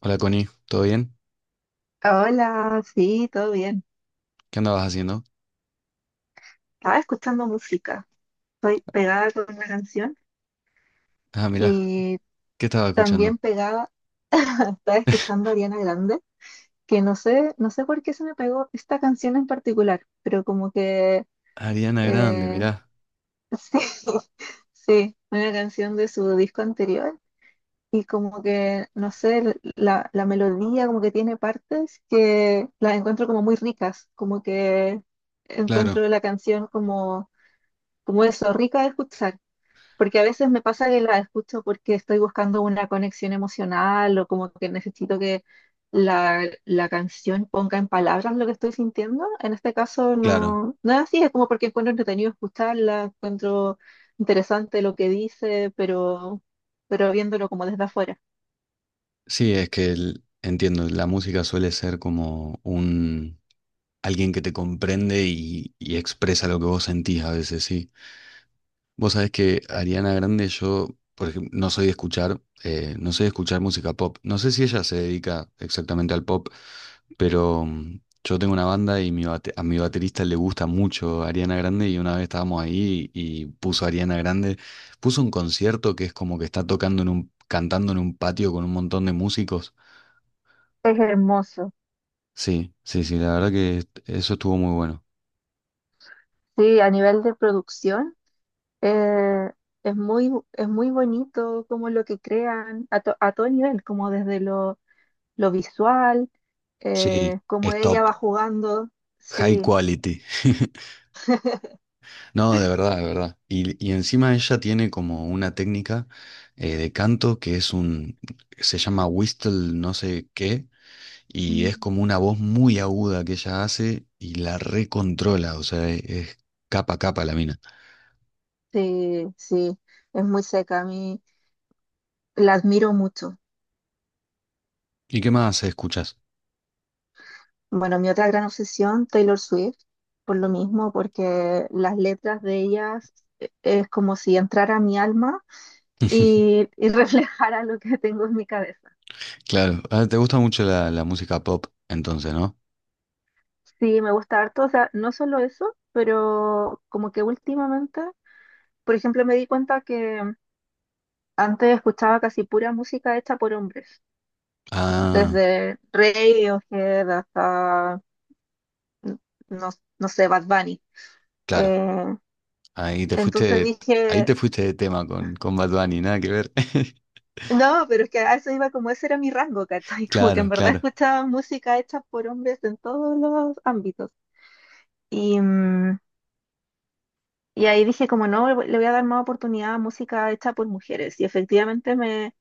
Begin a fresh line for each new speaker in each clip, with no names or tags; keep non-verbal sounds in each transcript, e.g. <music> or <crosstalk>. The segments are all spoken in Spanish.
Hola Connie, ¿todo bien?
Hola, sí, todo bien.
¿Qué andabas haciendo?
Estaba escuchando música. Estoy pegada con una canción
Ah, mirá,
y
¿qué estaba escuchando?
también pegada, estaba escuchando a Ariana Grande, que no sé, no sé por qué se me pegó esta canción en particular, pero como que
Ariana Grande,
eh,
mirá.
<laughs> sí, sí, una canción de su disco anterior y como que, no sé, la melodía como que tiene partes que las encuentro como muy ricas, como que
Claro,
encuentro la canción como, como eso, rica de escuchar. Porque a veces me pasa que la escucho porque estoy buscando una conexión emocional o como que necesito que la canción ponga en palabras lo que estoy sintiendo. En este caso
claro.
no, no es así, es como porque encuentro entretenido escucharla, encuentro interesante lo que dice, pero viéndolo como desde afuera.
Sí, es que entiendo, la música suele ser como un alguien que te comprende y expresa lo que vos sentís a veces, sí. Vos sabés que Ariana Grande, yo, por ejemplo, no soy de escuchar, no soy de escuchar música pop. No sé si ella se dedica exactamente al pop, pero yo tengo una banda y a mi baterista le gusta mucho Ariana Grande y una vez estábamos ahí y puso Ariana Grande, puso un concierto que es como que está tocando en un, cantando en un patio con un montón de músicos.
Es hermoso.
Sí, sí, sí, la verdad que eso estuvo muy bueno.
Sí, a nivel de producción, eh, es muy bonito como lo que crean a, a todo nivel, como desde lo visual,
Sí,
como ella
stop,
va jugando,
high
sí,
quality. <laughs> No, de verdad, de verdad. Y encima ella tiene como una técnica de canto que se llama whistle no sé qué, y es como
Mm,
una voz muy aguda que ella hace y la recontrola, o sea, es, capa a capa la mina.
sí, sí, es muy seca, a mí la admiro mucho.
¿Y qué más escuchas?
Bueno, mi otra gran obsesión, Taylor Swift, por lo mismo, porque las letras de ellas es como si entrara a mi alma
<laughs>
y <laughs> reflejara lo que tengo en mi cabeza.
Claro, ah, te gusta mucho la música pop, entonces, ¿no?
Sí, me gusta harto, o sea, no solo eso, pero como que últimamente, por ejemplo, me di cuenta que antes escuchaba casi pura música hecha por hombres,
Ah,
desde Radiohead hasta, no, no sé, Bad Bunny.
claro,
Eh,
ahí te
entonces
fuiste, ahí
dije,
te fuiste de tema con Bad Bunny, nada que ver. <laughs>
no, pero es que a eso iba, como ese era mi rango, ¿cachai? <laughs> Como que en
Claro,
verdad
claro.
escuchaba música hecha por hombres en todos los ámbitos. Y, mm, y ahí dije, como no, le voy a dar más oportunidad a música hecha por mujeres. Y efectivamente me,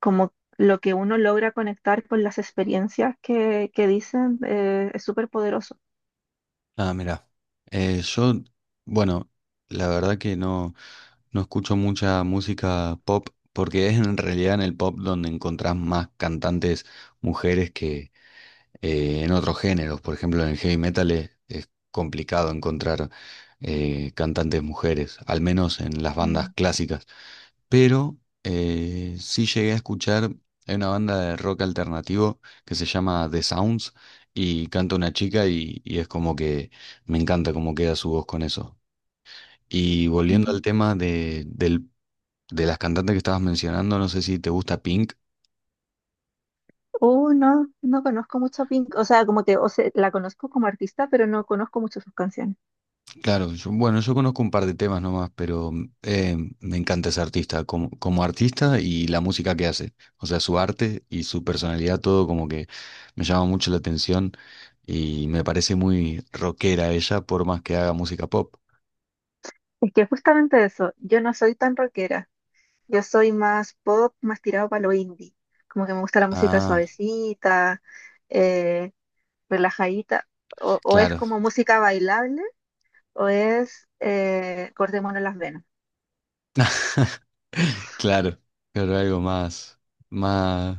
como lo que uno logra conectar con las experiencias que dicen, es súper poderoso.
Ah, mira, yo, bueno, la verdad que no, no escucho mucha música pop porque es en realidad en el pop donde encontrás más cantantes mujeres que en otros géneros. Por ejemplo, en el heavy metal es complicado encontrar cantantes mujeres, al menos en las bandas clásicas. Pero sí llegué a escuchar, hay una banda de rock alternativo que se llama The Sounds y canta una chica y es como que me encanta cómo queda su voz con eso. Y volviendo
Ujú.
al tema de de las cantantes que estabas mencionando, no sé si te gusta Pink.
No, no conozco mucho a Pink, o sea, como que, o sea, la conozco como artista, pero no conozco mucho sus canciones.
Claro, bueno, yo conozco un par de temas nomás, pero me encanta ese artista como, como artista y la música que hace. O sea, su arte y su personalidad, todo como que me llama mucho la atención y me parece muy rockera ella, por más que haga música pop.
Es que justamente eso, yo no soy tan rockera, yo soy más pop, más tirado para lo indie, como que me gusta la música
Ah,
suavecita, eh, relajadita, o es
claro,
como música bailable, o es cortémonos las venas,
<laughs> claro, pero algo más, más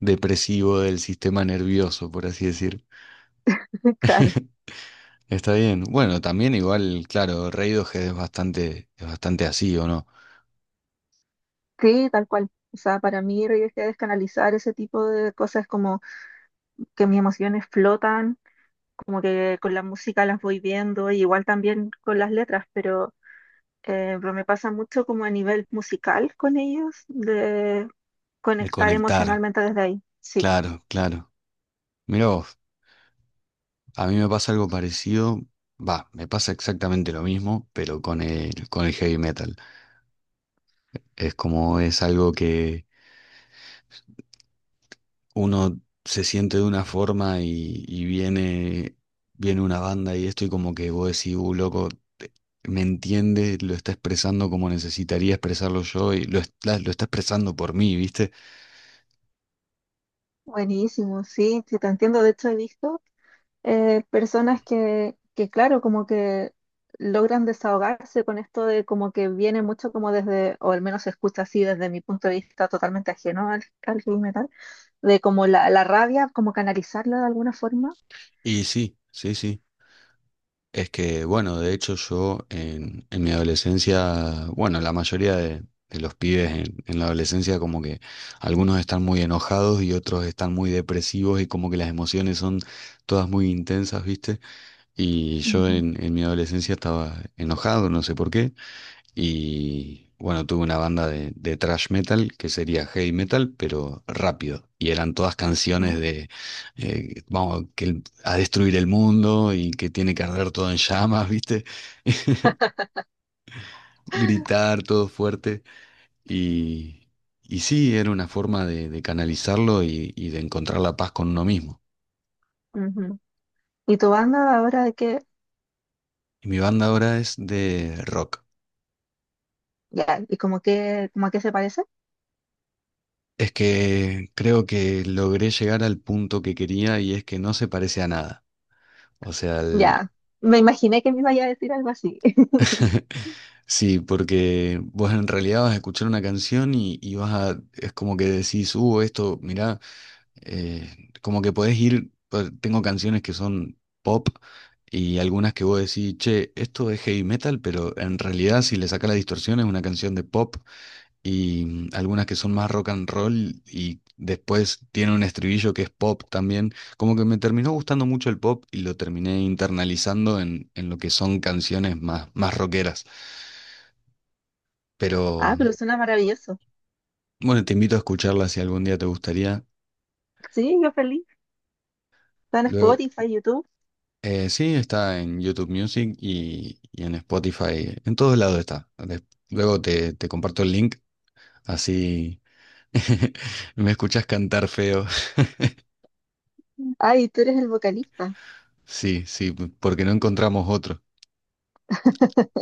depresivo del sistema nervioso, por así decir.
<laughs> claro,
<laughs> Está bien. Bueno, también igual, claro, Radiohead es bastante así, ¿o no?
sí, tal cual. O sea, para mí, Reyes Head descanalizar ese tipo de cosas es como que mis emociones flotan, como que con la música las voy viendo, y igual también con las letras, pero me pasa mucho como a nivel musical con ellos, de
De
conectar
conectar,
emocionalmente desde ahí. Sí,
claro, claro. Mirá vos, a mí me pasa algo parecido, va, me pasa exactamente lo mismo, pero con el heavy metal. Es como es algo que uno se siente de una forma y viene, viene una banda y esto y como que vos decís, loco, te- me entiende, lo está expresando como necesitaría expresarlo yo y lo está expresando por mí, ¿viste?
buenísimo, sí, sí, te entiendo. De hecho, he visto personas que, claro, como que logran desahogarse con esto de como que viene mucho como desde, o al menos se escucha así desde mi punto de vista totalmente ajeno al, al heavy metal, de como la rabia, como canalizarla de alguna forma.
Y sí, sí, sí. Es que, bueno, de hecho yo en mi adolescencia, bueno, la mayoría de los pibes en la adolescencia como que algunos están muy enojados y otros están muy depresivos y como que las emociones son todas muy intensas, ¿viste? Y yo
Ujú,
en mi adolescencia estaba enojado, no sé por qué, y bueno, tuve una banda de thrash metal que sería heavy metal, pero rápido. Y eran todas
ujú.
canciones de vamos que a destruir el mundo y que tiene que arder todo en llamas, ¿viste? <laughs> Gritar todo fuerte. Y, y sí, era una forma de canalizarlo y de encontrar la paz con uno mismo.
Ujú. ¿Y tu banda ahora de qué?
Y mi banda ahora es de rock.
Ya, ¿y como que, como a qué se parece?
Es que creo que logré llegar al punto que quería y es que no se parece a nada. O sea, el-
Ya, me imaginé que me iba a decir algo así. <laughs>
<laughs> Sí, porque vos en realidad vas a escuchar una canción y vas a, es como que decís, esto, mirá, como que podés ir, tengo canciones que son pop y algunas que vos decís, che, esto es heavy metal, pero en realidad si le sacás la distorsión es una canción de pop y algunas que son más rock and roll y después tiene un estribillo que es pop también, como que me terminó gustando mucho el pop y lo terminé internalizando en lo que son canciones más, más rockeras. Pero
Ah, pero suena maravilloso.
bueno, te invito a escucharla si algún día te gustaría.
Sí, yo feliz. Está en
Luego,
Spotify, YouTube.
sí, está en YouTube Music y en Spotify. En todos lados está. Des- Luego te, te comparto el link, así <laughs> me escuchas cantar feo. <laughs>
Ay, tú eres el vocalista.
Sí, sí, porque no encontramos otro.
<laughs>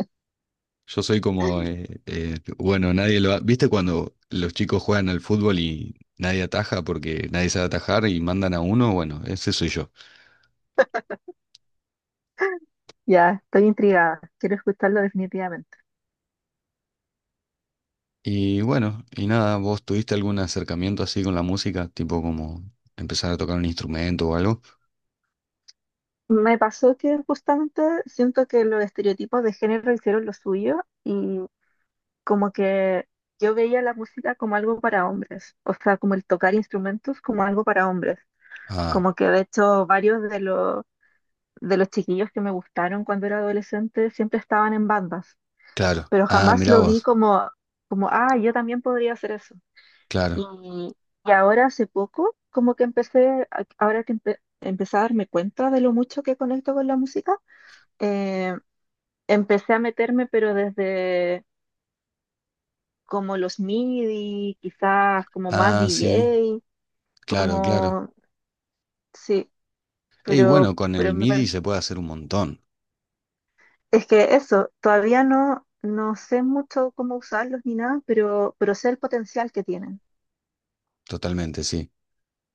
Yo soy como, bueno, nadie lo ha... ¿Viste cuando los chicos juegan al fútbol y nadie ataja porque nadie sabe atajar y mandan a uno? Bueno, ese soy yo.
Ya, estoy intrigada. Quiero escucharlo definitivamente.
Y bueno, y nada, ¿vos tuviste algún acercamiento así con la música? Tipo como empezar a tocar un instrumento o algo.
Me pasó que justamente siento que los estereotipos de género hicieron lo suyo y como que yo veía la música como algo para hombres, o sea, como el tocar instrumentos como algo para hombres.
Ah,
Como que de hecho varios de los chiquillos que me gustaron cuando era adolescente siempre estaban en bandas,
claro.
pero
Ah,
jamás
mirá
lo vi
vos.
como, como, ah, yo también podría hacer eso.
Claro.
Y, y ahora hace poco, como que empecé, ahora que empecé a darme cuenta de lo mucho que conecto con la música, eh, empecé a meterme, pero desde como los MIDI, quizás como más
Ah, sí.
DJ,
Claro, claro.
como, sí,
Y bueno, con
pero
el
me
MIDI
parece.
se puede hacer un montón.
Es que eso, todavía no, no sé mucho cómo usarlos ni nada, pero sé el potencial que tienen.
Totalmente, sí.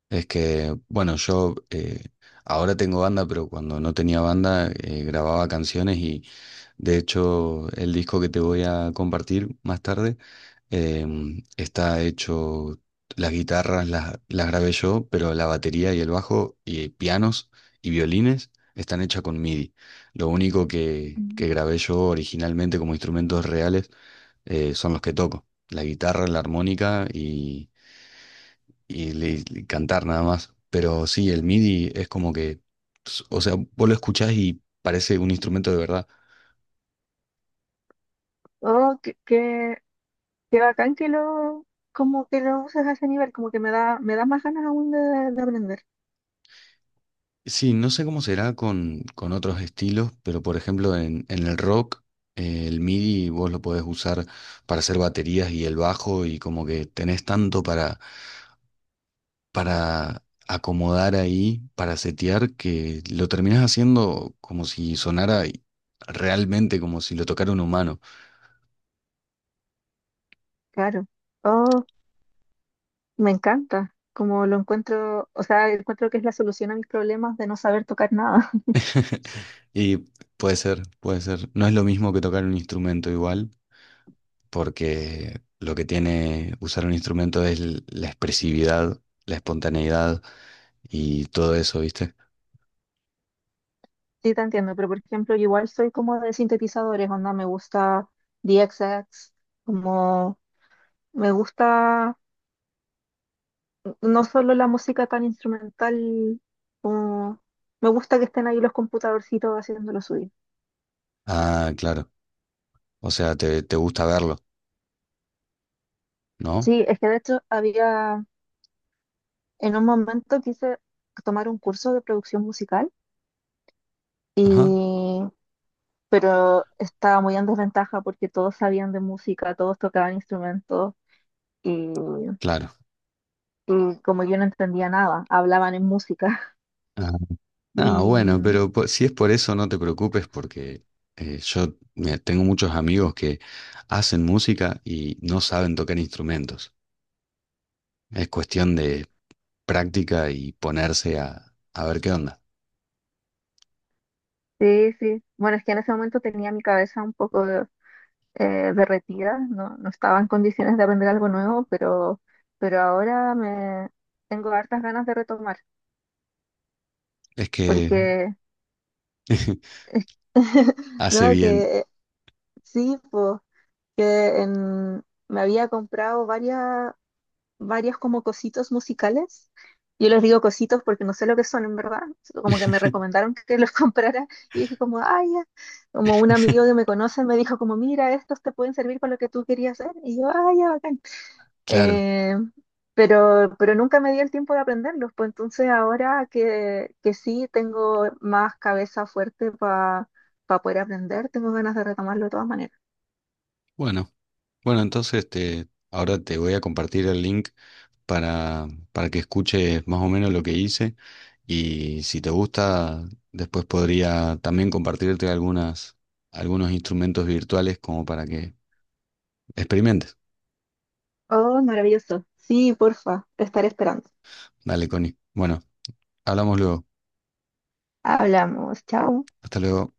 Es que, bueno, yo ahora tengo banda, pero cuando no tenía banda grababa canciones y de hecho, el disco que te voy a compartir más tarde está hecho, las guitarras las grabé yo, pero la batería y el bajo y pianos y violines están hechas con MIDI. Lo único que
Mm.
grabé yo originalmente como instrumentos reales son los que toco, la guitarra, la armónica y y cantar nada más. Pero sí, el MIDI es como que, o sea, vos lo escuchás y parece un instrumento de verdad.
Oh, qué, qué, qué bacán que lo, como que lo uses a ese nivel, como que me da más ganas aún de aprender.
Sí, no sé cómo será con otros estilos, pero por ejemplo en el rock, el MIDI vos lo podés usar para hacer baterías y el bajo y como que tenés tanto para acomodar ahí, para setear, que lo terminás haciendo como si sonara realmente como si lo tocara un humano.
Claro. Oh, me encanta. Como lo encuentro, o sea, encuentro que es la solución a mis problemas de no saber tocar nada. <laughs>
<laughs> Y puede ser, puede ser. No es lo mismo que tocar un instrumento igual, porque lo que tiene usar un instrumento es la expresividad, la espontaneidad y todo eso, ¿viste?
Sí, te entiendo, pero por ejemplo, yo igual soy como de sintetizadores, onda, me gusta DXX, como me gusta, no solo la música tan instrumental, como me gusta que estén ahí los computadorcitos haciendo lo suyo.
Ah, claro. O sea, te gusta verlo, ¿no?
Sí, es que de hecho había, en un momento quise tomar un curso de producción musical,
Ajá,
y, pero estaba muy en desventaja porque todos sabían de música, todos tocaban instrumentos y,
claro.
y como yo no entendía nada, hablaban en música. <laughs>
Ah, ah,
Y
bueno,
mm,
pero si es por eso, no te preocupes porque yo mira, tengo muchos amigos que hacen música y no saben tocar instrumentos. Es cuestión de práctica y ponerse a ver qué onda.
sí, sí, bueno, es que en ese momento tenía mi cabeza un poco derretida, no, no estaba en condiciones de aprender algo nuevo, pero ahora me tengo hartas ganas de retomar,
Es que
porque,
<laughs>
<laughs>
hace
no,
bien.
que sí, pues, que en- me había comprado varias como cositos musicales. Yo les digo cositos porque no sé lo que son en verdad, como que me
<laughs>
recomendaron que los <laughs> comprara y dije como, ay, ya". Como un amigo que me conoce me dijo como, mira, estos te pueden servir para lo que tú querías hacer. Y yo, ay, ya, bacán".
Claro,
Eh, pero nunca me di el tiempo de aprenderlos, pues entonces ahora que sí tengo más cabeza fuerte para poder aprender, tengo ganas de retomarlo de todas maneras.
bueno, bueno, entonces te, ahora te voy a compartir el link para que escuches más o menos lo que hice y si te gusta, después podría también compartirte algunas, algunos instrumentos virtuales como para que experimentes.
Oh, maravilloso. Sí, porfa, te estaré esperando.
Dale, Connie. Bueno, hablamos luego.
Hablamos, chao.
Hasta luego.